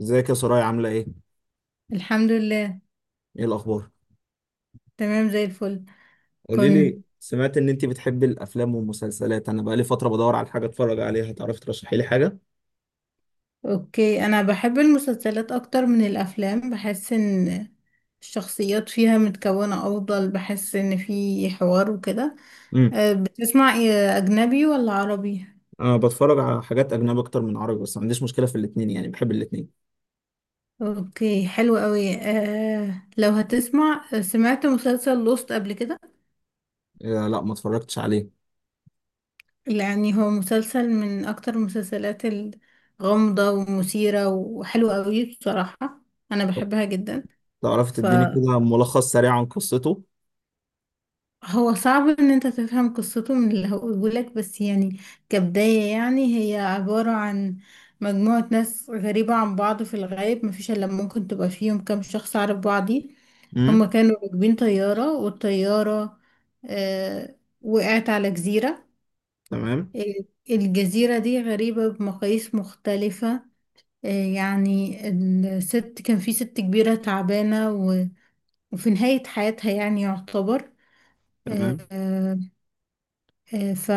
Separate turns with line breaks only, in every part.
ازيك يا سرايا عاملة ايه؟
الحمد لله.
ايه الأخبار؟
تمام زي الفل.
قولي لي،
كنت
سمعت إن أنت بتحبي الأفلام والمسلسلات، أنا بقالي فترة بدور على حاجة أتفرج عليها، تعرفي ترشحي لي حاجة؟
اوكي، انا بحب المسلسلات اكتر من الافلام، بحس ان الشخصيات فيها متكونة افضل، بحس ان في حوار وكده.
امم.
بتسمع إيه، اجنبي ولا عربي؟
أنا بتفرج على حاجات أجنبي أكتر من عربي، بس ما عنديش مشكلة في الاتنين، يعني بحب الاتنين.
اوكي، حلو قوي. لو هتسمع، سمعت مسلسل لوست قبل كده؟
آه، لا ما اتفرجتش عليه.
يعني هو مسلسل من اكتر المسلسلات الغامضة ومثيرة وحلوة قوي بصراحة، انا
طب
بحبها جدا.
تعرفي
ف
تديني كده ملخص سريع عن قصته؟
هو صعب ان انت تفهم قصته من اللي هقولهولك، بس يعني كبداية يعني هي عبارة عن مجموعة ناس غريبة عن بعض، في الغالب مفيش الا ممكن تبقى فيهم كام شخص عارف بعضي. هما
امم.
كانوا راكبين طيارة، والطيارة آه وقعت على جزيرة.
تمام.
الجزيرة دي غريبة بمقاييس مختلفة. آه، يعني الست، كان في ست كبيرة تعبانة وفي نهاية حياتها، يعني يعتبر. آه،
تمام.
آه، آه، ف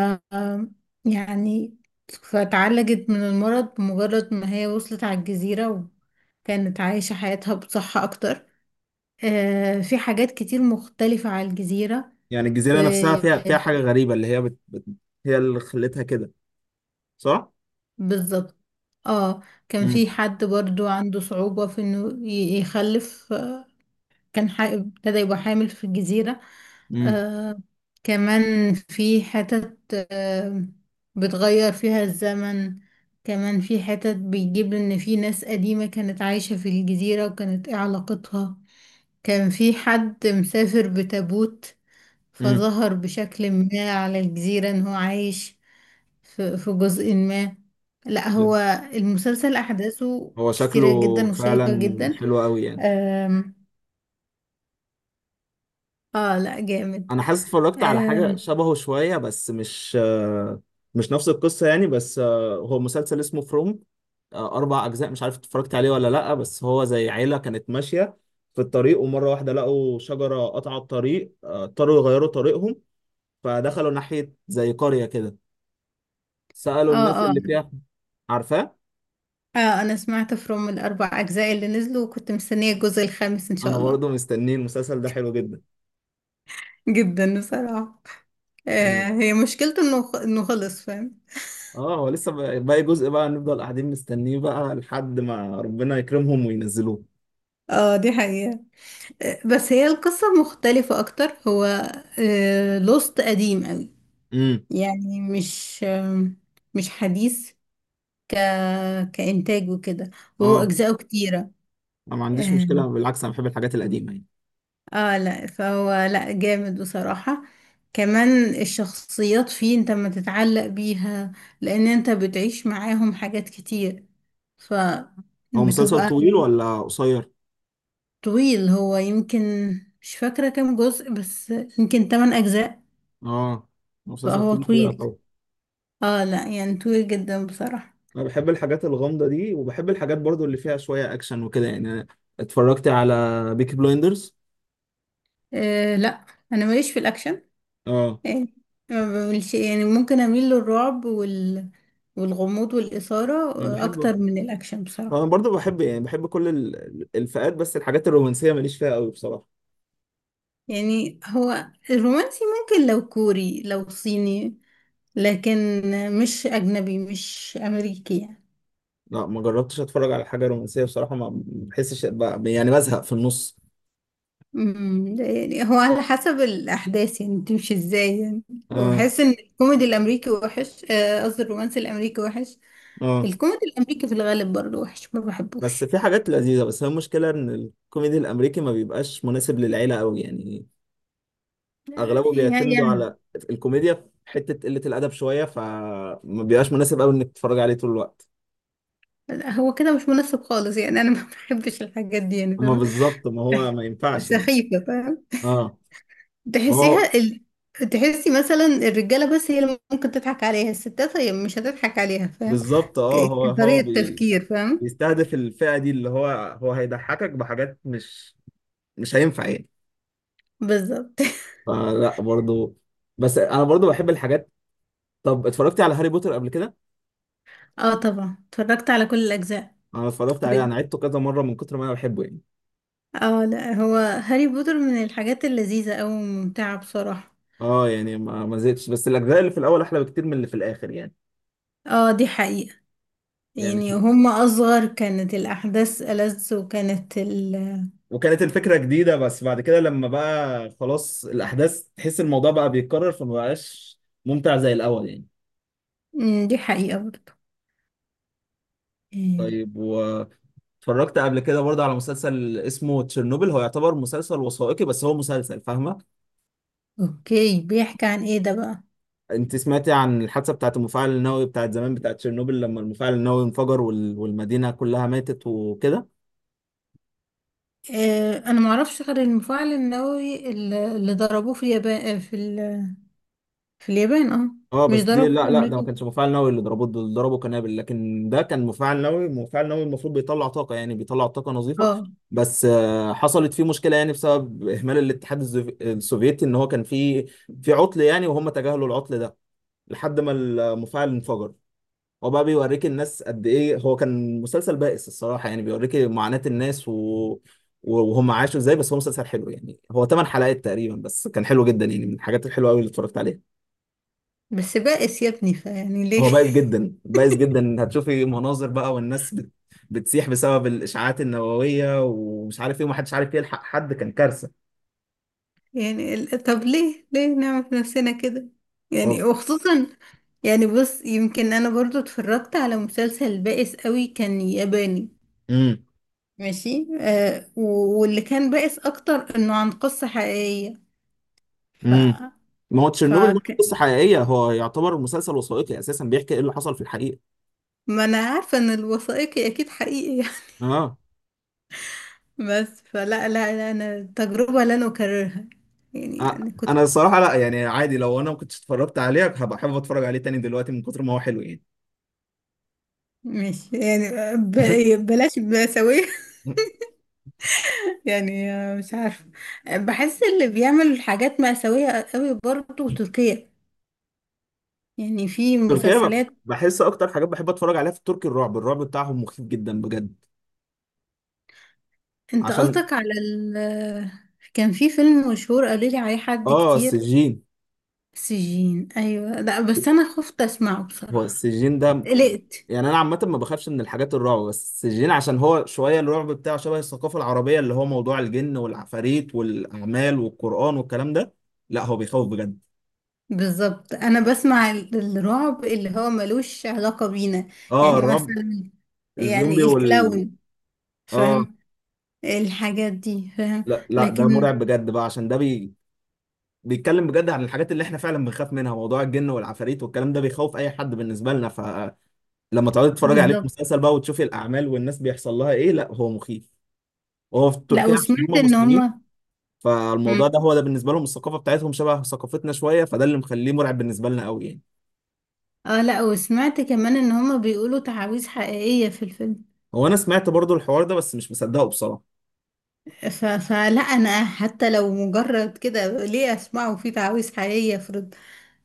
يعني فتعالجت من المرض بمجرد ما هي وصلت على الجزيرة، وكانت عايشة حياتها بصحة أكتر. في حاجات كتير مختلفة على الجزيرة
يعني الجزيرة نفسها
في
فيها حاجة
في-
غريبة، اللي هي هي اللي خلتها كده، صح؟
بالظبط. اه، كان
امم.
في حد برضو عنده صعوبة في انه يخلف، ابتدى يبقى حامل في الجزيرة.
امم.
آه كمان في حتت آه بتغير فيها الزمن. كمان في حتت بيجيب ان في ناس قديمة كانت عايشة في الجزيرة، وكانت ايه علاقتها. كان في حد مسافر بتابوت،
امم.
فظهر بشكل ما على الجزيرة ان هو عايش في جزء ما. لا، هو المسلسل احداثه
هو شكله
كتيرة جدا وشيقة
فعلا
جدا.
حلو قوي يعني.
آم، اه لا جامد.
انا حاسس اتفرجت على حاجه
آه
شبهه شويه، بس مش مش نفس القصه يعني، بس هو مسلسل اسمه فروم، 4 اجزاء مش عارف اتفرجت عليه ولا لا، بس هو زي عيله كانت ماشيه في الطريق، ومره واحده لقوا شجره قطعت الطريق، اضطروا يغيروا طريقهم، فدخلوا ناحيه زي قريه كده، سالوا الناس
آه, آه
اللي فيها، عارفاه؟
أنا سمعت فروم الأربع أجزاء اللي نزلوا، وكنت مستنية الجزء الخامس إن
انا
شاء الله.
برضو مستنيه. المسلسل ده حلو جدا
جدا بصراحة.
يعني.
هي مشكلته إنه إنه خلص، فاهم.
اه، هو لسه باقي جزء بقى، نفضل قاعدين مستنيه بقى لحد ما ربنا يكرمهم وينزلوه.
آه، دي حقيقة. بس هي القصة مختلفة أكتر. هو لوست قديم أوي،
امم.
يعني مش حديث. ك كإنتاج وكده، وهو
اه،
أجزاؤه كتيرة.
انا ما عنديش
آه.
مشكله، بالعكس انا بحب الحاجات القديمه يعني.
اه لا، فهو لا جامد بصراحة، كمان الشخصيات فيه انت ما تتعلق بيها، لان انت بتعيش معاهم حاجات كتير،
هو مسلسل
فبتبقى
طويل
يعني.
ولا قصير؟
طويل، هو يمكن مش فاكرة كام جزء، بس يمكن 8 اجزاء.
اه، مسلسل
فهو
طويل كده
طويل،
طبعا.
اه لا يعني طويل جدا بصراحة.
انا بحب الحاجات الغامضه دي، وبحب الحاجات برضو اللي فيها شويه اكشن وكده يعني. أنا اتفرجت على بيكي بلايندرز.
آه لا، انا ماليش في الاكشن،
اه.
يعني ما بعملش، يعني ممكن اميل للرعب والغموض والإثارة
انا بحب.
اكتر من الاكشن
انا
بصراحة.
برضو بحب، يعني بحب كل الفئات، بس الحاجات الرومانسيه ماليش فيها قوي بصراحه.
يعني هو الرومانسي ممكن لو كوري لو صيني، لكن مش أجنبي، مش أمريكي يعني.
لا ما جربتش اتفرج على حاجه رومانسيه بصراحه، ما بحسش يعني بزهق في النص.
يعني هو على حسب الأحداث يعني تمشي ازاي يعني.
اه.
وبحس إن الكوميدي الأمريكي وحش، قصدي الرومانسي الأمريكي وحش.
اه.
الكوميدي الأمريكي في الغالب برضه وحش، ما
بس
بحبوش
في حاجات لذيذة، بس هي المشكلة إن الكوميدي الأمريكي ما بيبقاش مناسب للعيلة أوي يعني، أغلبه بيعتمدوا
يعني.
على الكوميديا في حتة قلة الأدب شوية، فما بيبقاش مناسب أوي إنك تتفرج عليه طول الوقت.
هو كده مش مناسب خالص يعني. أنا ما بحبش الحاجات دي يعني،
أما
فاهمة،
بالظبط، ما هو ما ينفعش يعني.
سخيفة.
أه. هو.
تحسيها تحسي مثلا الرجالة بس هي اللي ممكن تضحك عليها، الستات هي مش هتضحك عليها، فاهم.
بالظبط، أه، هو هو
كطريقة تفكير، فاهم.
بيستهدف الفئة دي اللي هو، هو هيضحكك بحاجات مش هينفع يعني.
بالظبط.
فلا برضو. بس أنا برضو بحب الحاجات. طب اتفرجت على هاري بوتر قبل كده؟
اه طبعا، اتفرجت على كل الأجزاء
أنا اتفرجت عليه،
تقريبا.
أنا عدته كذا مرة من كتر ما أنا بحبه يعني.
اه لا، هو هاري بوتر من الحاجات اللذيذة أوي وممتعة بصراحة.
اه يعني ما زهقتش، بس الاجزاء اللي في الاول احلى بكتير من اللي في الاخر يعني.
اه، دي حقيقة.
يعني
يعني هما أصغر كانت الأحداث ألذ، وكانت
وكانت الفكره جديده، بس بعد كده لما بقى خلاص الاحداث تحس الموضوع بقى بيتكرر، فما بقاش ممتع زي الاول يعني.
مم، دي حقيقة برضه. إيه.
طيب، واتفرجت قبل كده برضه على مسلسل اسمه تشيرنوبل، هو يعتبر مسلسل وثائقي بس هو مسلسل، فاهمه؟
اوكي، بيحكي عن ايه ده بقى؟
انت سمعتي عن الحادثه بتاعت المفاعل النووي بتاعت زمان بتاعت تشيرنوبل، لما المفاعل النووي انفجر، والمدينه كلها ماتت وكده؟
آه، انا ما اعرفش غير المفاعل النووي اللي ضربوه في اليابان في في اليابان اه.
اه
مش
بس دي،
ضربوه في
لا لا، ده ما
امريكا؟
كانش مفاعل نووي، اللي ضربوه دول ضربوا قنابل، لكن ده كان مفاعل نووي. مفاعل نووي المفروض بيطلع طاقه، يعني بيطلع طاقه نظيفه،
اه،
بس حصلت فيه مشكله يعني، بسبب اهمال الاتحاد السوفيتي، ان هو كان في عطل يعني، وهم تجاهلوا العطل ده لحد ما المفاعل انفجر. هو بقى بيوريك الناس قد ايه، هو كان مسلسل بائس الصراحه يعني، بيوريك معاناه الناس و وهم عاشوا ازاي، بس هو مسلسل حلو يعني. هو 8 حلقات تقريبا، بس كان حلو جدا يعني، من الحاجات الحلوه قوي اللي اتفرجت عليها.
بس بائس يا ابني، فيعني ليه؟
هو بايظ جدا، بايظ جدا، هتشوفي مناظر بقى، والناس بتسيح بسبب الاشعاعات النوويه، ومش عارف ايه، ومحدش عارف يلحق حد، كان كارثه.
يعني طب ليه، نعمل في نفسنا كده يعني،
خلاص.
وخصوصا يعني. بص، يمكن انا برضو اتفرجت على مسلسل بائس قوي كان ياباني
امم.
ماشي، واللي كان بائس اكتر انه عن قصة حقيقية. ف
امم. ما هو
ف
تشيرنوبل ده قصه حقيقيه، هو يعتبر مسلسل وثائقي اساسا، بيحكي ايه اللي حصل في الحقيقه.
ما انا عارفة ان الوثائقي اكيد حقيقي.
اه.
بس فلا، لا، لا، انا تجربة لن اكررها. يعني
آه،
انا كنت،
انا الصراحه لا يعني، عادي لو انا ما كنتش اتفرجت عليه هبقى حابب اتفرج عليه تاني دلوقتي من كتر ما هو حلو يعني.
مش يعني، بلاش مأساوية. يعني مش عارفة. بحس اللي بيعمل حاجات مأساوية قوي برضه تركيا، يعني في
تركيا
مسلسلات.
بحس اكتر حاجات بحب اتفرج عليها في التركي، الرعب، الرعب بتاعهم مخيف جدا بجد،
انت
عشان.
قصدك على كان في فيلم مشهور قالوا لي عليه حد
اه،
كتير.
السجين.
سجين، ايوه، لا بس انا خفت اسمعه
هو
بصراحة،
السجين ده.
قلقت.
يعني انا عامه ما بخافش من الحاجات الرعب، بس السجين عشان هو شويه الرعب بتاعه شبه الثقافه العربيه، اللي هو موضوع الجن والعفاريت والاعمال والقران والكلام ده، لا هو بيخوف بجد.
بالظبط، انا بسمع الرعب اللي هو ملوش علاقة بينا،
اه،
يعني
الرعب.
مثلا،
الزومبي
يعني الكلاون،
اه،
فاهم، الحاجات دي، فاهم.
لا لا ده
لكن
مرعب بجد بقى، عشان ده بيتكلم بجد عن الحاجات اللي احنا فعلا بنخاف منها، موضوع الجن والعفاريت والكلام ده بيخوف اي حد بالنسبه لنا، فلما تقعدي تتفرجي عليه في
بالظبط.
مسلسل بقى وتشوفي الاعمال والناس بيحصل لها ايه، لا هو مخيف. وهو في
لا،
تركيا عشان
وسمعت
هم
ان
مسلمين،
هما، مم.
فالموضوع ده هو ده بالنسبه لهم، الثقافه بتاعتهم شبه ثقافتنا شويه، فده اللي مخليه مرعب بالنسبه لنا قوي يعني.
اه لا، وسمعت كمان ان هما بيقولوا تعاويذ حقيقية في الفيلم.
هو انا سمعت برضو الحوار ده، بس مش مصدقه بصراحه.
فلا انا حتى لو مجرد كده، ليه اسمعه؟ في تعاويذ حقيقية، افرض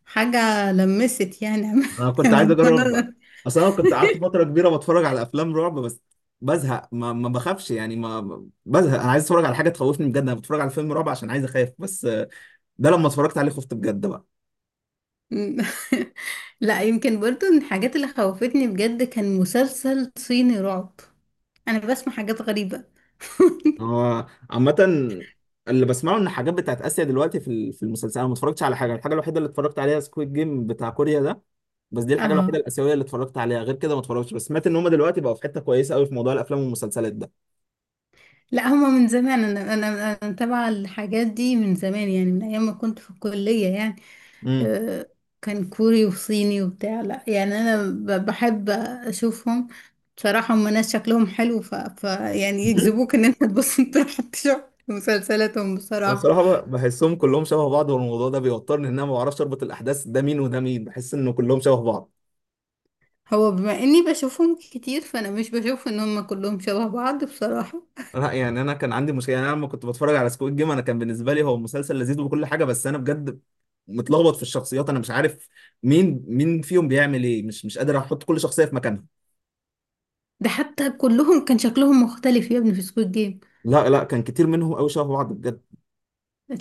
حاجة لمست يعني.
انا كنت عايز
انا،
اجرب بقى، اصل انا كنت قعدت فتره كبيره بتفرج على افلام رعب، بس بزهق، ما بخافش يعني، بزهق، انا عايز اتفرج على حاجه تخوفني بجد، انا بتفرج على فيلم رعب عشان عايز اخاف، بس ده لما اتفرجت عليه خفت بجد بقى.
مم. لا، يمكن برضو من الحاجات اللي خوفتني بجد كان مسلسل صيني رعب، انا بسمع حاجات غريبة.
هو عامة اللي بسمعه ان حاجات بتاعت اسيا دلوقتي في في المسلسل، انا ما اتفرجتش على حاجه، الحاجه الوحيده اللي اتفرجت عليها سكويد جيم بتاع كوريا ده، بس دي الحاجه الوحيده
اه
الاسيويه اللي اتفرجت عليها، غير كده ما اتفرجتش، بس سمعت ان هم دلوقتي بقوا في حته كويسه قوي في موضوع الافلام والمسلسلات ده.
لا، هما من زمان، انا متابعة الحاجات دي من زمان، يعني من ايام ما كنت في الكلية يعني.
امم.
آه، كان كوري وصيني وبتاع، لا يعني انا بحب اشوفهم بصراحة. هما ناس شكلهم حلو، ف... ف يعني يجذبوك ان انت تبص تروح تشوف مسلسلاتهم
انا
بصراحة.
الصراحه بحسهم كلهم شبه بعض، والموضوع ده بيوترني ان انا ما بعرفش اربط الاحداث، ده مين وده مين، بحس انه كلهم شبه بعض.
هو بما اني بشوفهم كتير، فانا مش بشوف ان هم كلهم شبه بعض بصراحة.
لا يعني انا كان عندي مشكله يعني، انا لما كنت بتفرج على سكويد جيم انا كان بالنسبه لي هو مسلسل لذيذ وكل حاجه، بس انا بجد متلخبط في الشخصيات، انا مش عارف مين مين فيهم بيعمل ايه، مش قادر احط كل شخصيه في مكانها.
ده حتى كلهم كان شكلهم مختلف يا ابني في سكوت جيم.
لا لا كان كتير منهم قوي شبه بعض بجد.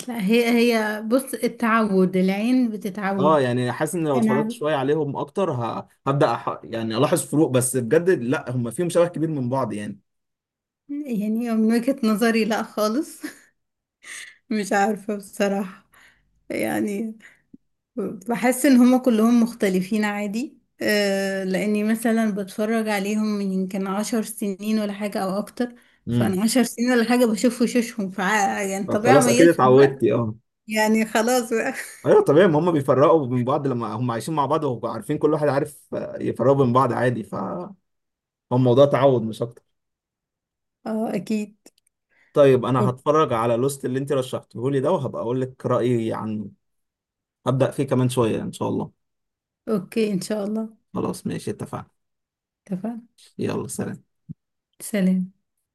لا، هي هي بص، التعود العين
اه
بتتعود.
يعني حاسس ان لو
انا
اتفرجت
عارف-
شويه عليهم اكتر هبدا يعني الاحظ فروق، بس بجد لا هم فيهم شبه كبير من بعض يعني.
يعني من وجهة نظري لا خالص. مش عارفة بصراحة يعني. بحس ان هما كلهم مختلفين عادي. لاني مثلا بتفرج عليهم من يمكن 10 سنين ولا حاجة او اكتر.
امم.
فانا 10 سنين ولا حاجة بشوف وشوشهم، يعني طبيعي
خلاص اكيد
اميزهم
اتعودت.
بقى.
اه.
يعني خلاص بقى.
ايوه طبيعي، ما هم بيفرقوا من بعض لما هم عايشين مع بعض وعارفين كل واحد عارف، يفرقوا من بعض عادي، ف هو الموضوع تعود مش اكتر.
اه اكيد.
طيب انا
أوك-
هتفرج على لوست اللي انت رشحته لي ده، وهبقى اقول لك رايي عنه. هبدا فيه كمان شويه ان شاء الله.
اوكي، ان شاء الله.
خلاص ماشي اتفقنا.
اتفقنا.
يلا سلام.
سلام.